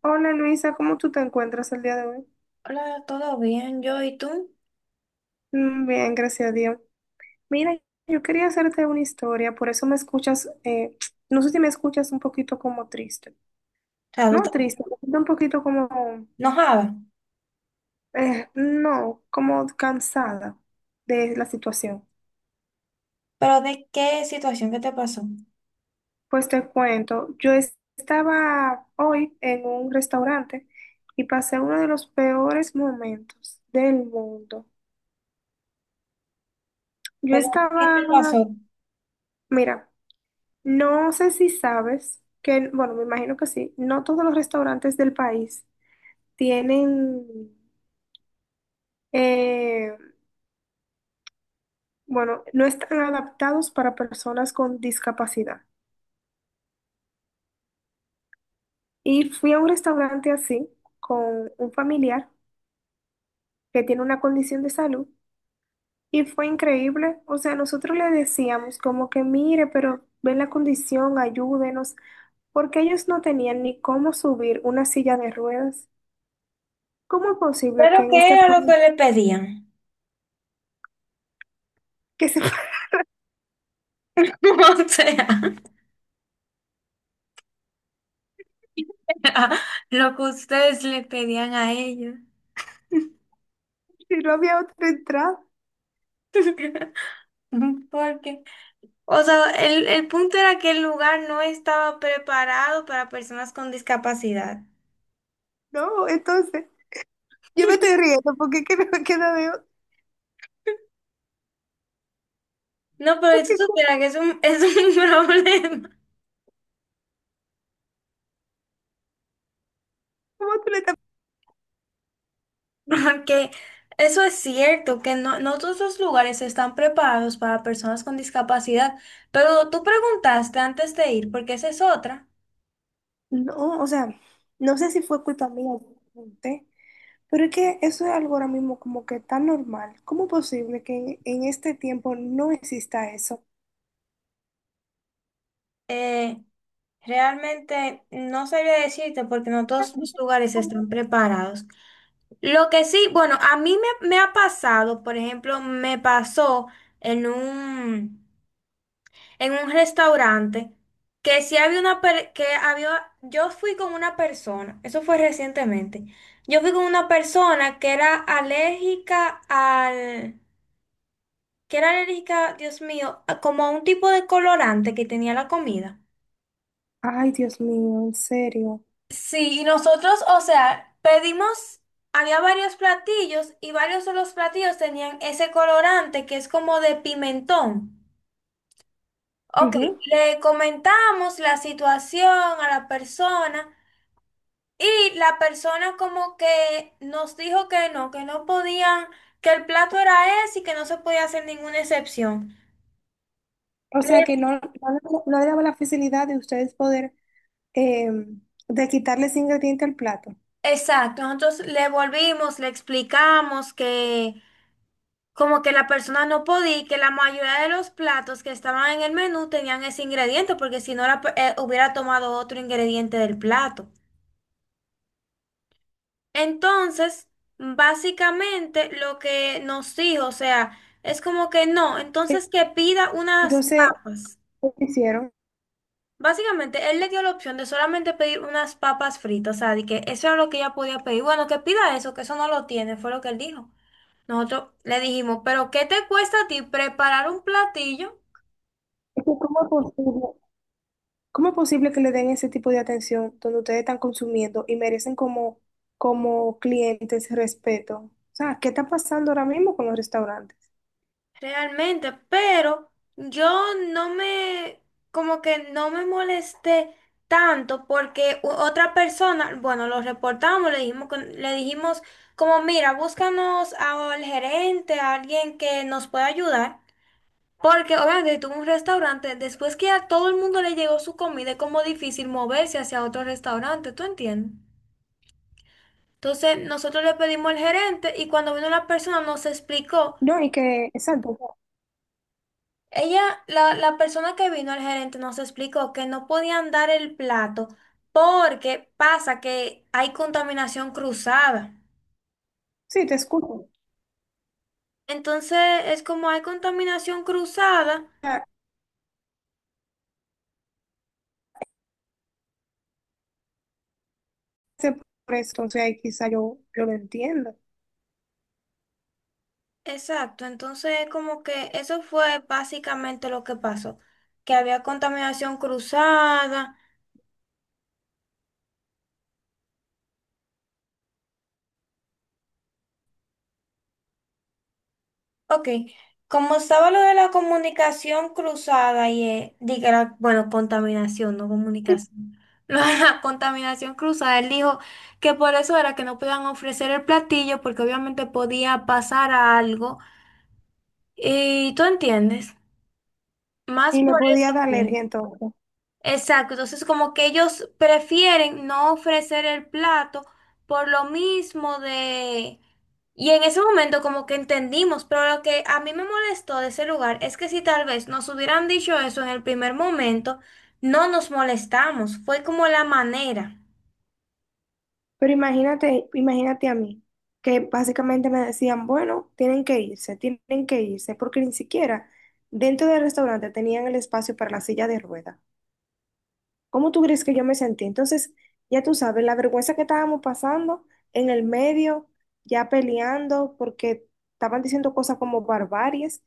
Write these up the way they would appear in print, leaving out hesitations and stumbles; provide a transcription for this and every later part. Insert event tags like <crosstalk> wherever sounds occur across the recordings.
Hola Luisa, ¿cómo tú te encuentras el día de hoy? Hola, ¿todo bien? Yo y tú. O Bien, gracias a Dios. Mira, yo quería hacerte una historia, por eso me escuchas, <tsk> no sé si me escuchas un poquito como triste. sea, tú te No triste, un poquito como, enojada. No, como cansada de la situación. ¿Pero de qué situación? ¿Qué te pasó? Pues te cuento, yo estaba hoy en un restaurante y pasé uno de los peores momentos del mundo. Yo ¿Pero qué estaba, te pasó? mira. No sé si sabes que, bueno, me imagino que sí, no todos los restaurantes del país tienen, eh, bueno, no están adaptados para personas con discapacidad. Y fui a un restaurante así con un familiar que tiene una condición de salud y fue increíble. O sea, nosotros le decíamos como que mire, pero ven la condición, ayúdenos, porque ellos no tenían ni cómo subir una silla de ruedas. ¿Cómo es posible que ¿Pero en qué este era lo país que le pedían? que se <laughs> O sea, <laughs> lo que ustedes le pedían a ellos. Si no había otra entrada, <laughs> Porque, o sea, el punto era que el lugar no estaba preparado para personas con discapacidad. no, entonces, yo me <laughs> estoy riendo porque <laughs> es que no me queda de otra, No, pero si porque tú ¿cómo, supieras que es un <laughs> problema. cómo tú le estás... <laughs> Ajá, que eso es cierto, que no, no todos los lugares están preparados para personas con discapacidad, pero tú preguntaste antes de ir, porque esa es otra. No, o sea, no sé si fue culpa mía, ¿eh? Pero es que eso es algo ahora mismo como que tan normal. ¿Cómo es posible que en este tiempo no exista eso? Eh, Realmente no sabría decirte porque no todos los lugares ¿Cómo? están preparados. Lo que sí, bueno, a mí me ha pasado, por ejemplo, me pasó en un... en un restaurante que sí había una per- que había yo fui con una persona, eso fue recientemente. Yo fui con una persona que era alérgica al que era alérgica, Dios mío, a- como a un tipo de colorante que tenía la comida. Ay, Dios mío, en serio. Sí, y nosotros, o sea, pedimos. Había varios platillos y varios de los platillos tenían ese colorante que es como de pimentón. Ok, Ujú. le comentamos la situación a la persona. Y la persona como que nos dijo que no podían, que el plato era ese y que no se podía hacer ninguna excepción. O sea que Le- no, no, le no le daba la facilidad de ustedes poder eh, de quitarles ingrediente al plato. exacto, nosotros le volvimos, le explicamos que como que la persona no podía y que la mayoría de los platos que estaban en el menú tenían ese ingrediente, porque si no la pe- hubiera tomado otro ingrediente del plato. Entonces, básicamente lo que nos dijo, o sea, es como que no, entonces que pida unas Entonces, papas. ¿qué hicieron? Básicamente, él le dio la opción de solamente pedir unas papas fritas, o sea, de que eso era lo que ella podía pedir. Bueno, que pida eso, que eso no lo tiene, fue lo que él dijo. Nosotros le dijimos, pero ¿qué te cuesta a ti preparar un platillo? Es que ¿cómo es posible, cómo es posible que le den ese tipo de atención donde ustedes están consumiendo y merecen como, como clientes respeto? O sea, ¿qué está pasando ahora mismo con los restaurantes? Realmente, pero yo no me, como que no me molesté tanto porque u- otra persona, bueno, lo reportamos, le dijimos, con- le dijimos como, mira, búscanos al gerente, a alguien que nos pueda ayudar. Porque obviamente si tuvo un restaurante, después que a todo el mundo le llegó su comida, es como difícil moverse hacia otro restaurante, ¿tú entiendes? Entonces nosotros le pedimos al gerente y cuando vino la persona nos explicó, No, y que, exacto, ella, la persona que vino al gerente nos explicó que no podían dar el plato porque pasa que hay contaminación cruzada. sí, te escucho. O Entonces es como hay contaminación cruzada. sea, ese por eso, entonces ahí quizá yo, yo lo entiendo. Exacto, entonces como que eso fue básicamente lo que pasó, que había contaminación cruzada. Ok, como estaba lo de la comunicación cruzada y, diga, la- bueno, contaminación, no comunicación. <laughs> Lo de la contaminación cruzada, él dijo que por eso era que no podían ofrecer el platillo porque obviamente podía pasar algo. Y tú entiendes, más Y le por podía eso dar fue. alergia entonces. Exacto, entonces como que ellos prefieren no ofrecer el plato por lo mismo de... Y en ese momento como que entendimos, pero lo que a mí me molestó de ese lugar es que si tal vez nos hubieran dicho eso en el primer momento, no nos molestamos, fue como la manera. Pero imagínate, imagínate a mí, que básicamente me decían, bueno, tienen que irse, porque ni siquiera dentro del restaurante tenían el espacio para la silla de ruedas. ¿Cómo tú crees que yo me sentí? Entonces, ya tú sabes, la vergüenza que estábamos pasando en el medio, ya peleando porque estaban diciendo cosas como barbarias,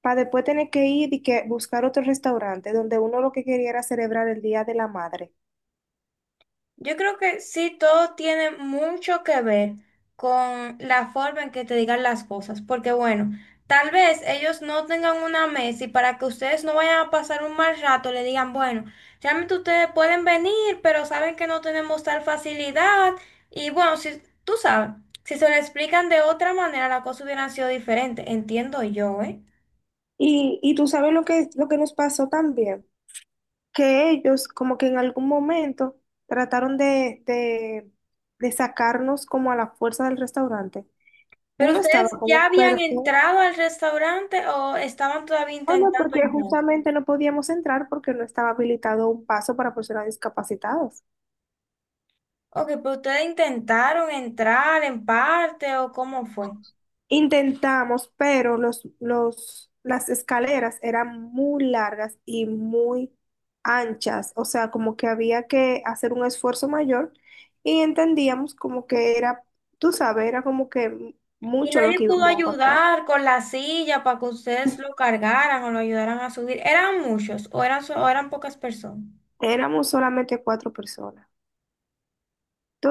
para después tener que ir y que buscar otro restaurante donde uno lo que quería era celebrar el Día de la Madre. Yo creo que sí, todo tiene mucho que ver con la forma en que te digan las cosas, porque bueno, tal vez ellos no tengan una mesa y para que ustedes no vayan a pasar un mal rato, le digan, bueno, realmente ustedes pueden venir, pero saben que no tenemos tal facilidad y bueno, si tú sabes, si se lo explican de otra manera, la cosa hubiera sido diferente, entiendo yo, ¿eh? Y tú sabes lo que nos pasó también, que ellos como que en algún momento trataron de sacarnos como a la fuerza del restaurante. Pero Uno estaba ustedes ya como, habían pero... entrado al restaurante o estaban todavía Oh, no, intentando porque entrar. justamente no podíamos entrar porque no estaba habilitado un paso para personas discapacitadas. Ok, pero ustedes intentaron entrar en parte o cómo fue. Intentamos, pero las escaleras eran muy largas y muy anchas, o sea, como que había que hacer un esfuerzo mayor y entendíamos como que era, tú sabes, era como que Y mucho lo nadie que pudo íbamos a pasar. ayudar con la silla para que ustedes lo cargaran o lo ayudaran a subir. ¿Eran muchos o eran, so- o eran pocas personas? Éramos solamente cuatro personas.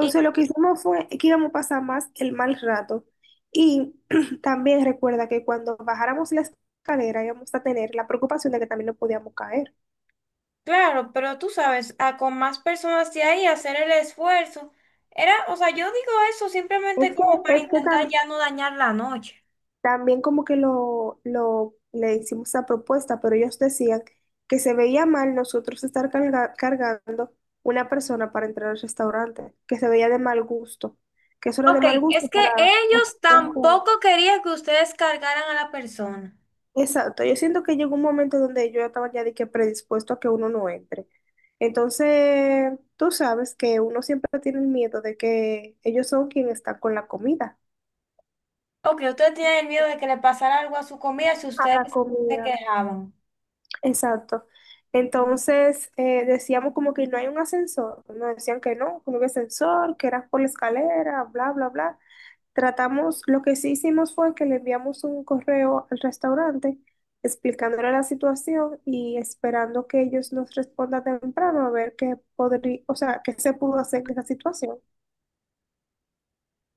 Y lo que hicimos fue que íbamos a pasar más el mal rato. Y <clears throat> también recuerda que cuando bajáramos la escalera íbamos a tener la preocupación de que también nos podíamos caer. claro, pero tú sabes, a con más personas de ahí hacer el esfuerzo. Era, o sea, yo digo eso Es simplemente como que, para es que intentar tam- ya no dañar la noche. también como que le hicimos esa propuesta, pero ellos decían que se veía mal nosotros estar cargando una persona para entrar al restaurante, que se veía de mal gusto, que eso era de Ok, mal es gusto que para... ellos tampoco querían que ustedes cargaran a la persona. Exacto, yo siento que llegó un momento donde yo estaba ya de que predispuesto a que uno no entre. Entonces, tú sabes que uno siempre tiene el miedo de que ellos son quienes están con la comida. Ok, ustedes tienen miedo de que le pasara algo a su comida si A ustedes la se comida. quejaban. Exacto. Entonces, decíamos como que no hay un ascensor. Nos decían que no había ascensor, que era por la escalera, bla, bla, bla. Tratamos, lo que sí hicimos fue que le enviamos un correo al restaurante explicándole la situación y esperando que ellos nos respondan temprano a ver qué podría, o sea, qué se pudo hacer en esa situación.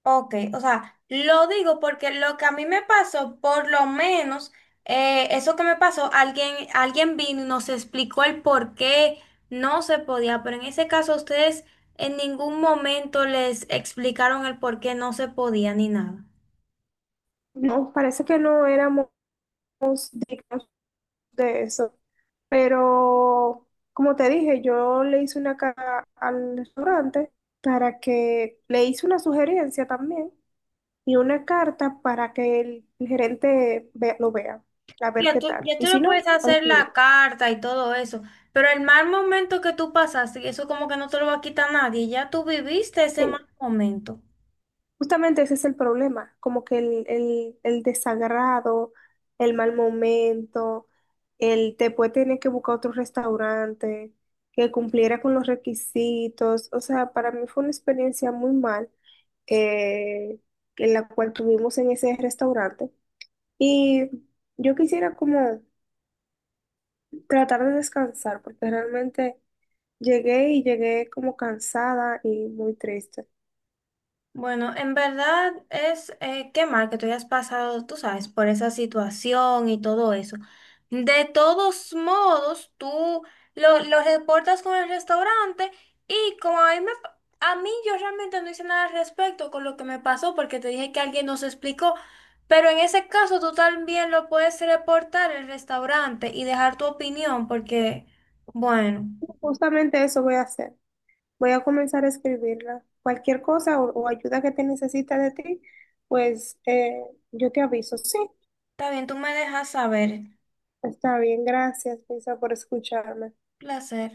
Ok, o sea, lo digo porque lo que a mí me pasó, por lo menos, eso que me pasó, alguien vino y nos explicó el por qué no se podía, pero en ese caso ustedes en ningún momento les explicaron el por qué no se podía ni nada. No, parece que no éramos dignos de eso, pero como te dije, yo le hice una cara al restaurante para que le hice una sugerencia también y una carta para que el gerente lo vea, a ver qué tal. Ya Y tú si le no, puedes al hacer juez. la carta y todo eso, pero el mal momento que tú pasaste, eso como que no te lo va a quitar nadie, ya tú viviste ese Eh, mal momento. Justamente ese es el problema, como que el desagrado, el mal momento, el después tener que buscar otro restaurante que cumpliera con los requisitos. O sea, para mí fue una experiencia muy mal eh, en la cual tuvimos en ese restaurante. Y yo quisiera como tratar de descansar, porque realmente llegué y llegué como cansada y muy triste. Bueno, en verdad es qué mal que tú hayas pasado, tú sabes, por esa situación y todo eso. De todos modos, tú lo reportas con el restaurante y como a mí, me pa- a mí yo realmente no hice nada al respecto con lo que me pasó porque te dije que alguien nos explicó, pero en ese caso tú también lo puedes reportar el restaurante y dejar tu opinión porque, bueno, Justamente eso voy a hacer. Voy a comenzar a escribirla. Cualquier cosa o ayuda que te necesite de ti, pues yo te aviso. Sí, está bien, tú me dejas saber. está bien. Gracias, Lisa, por escucharme. Placer.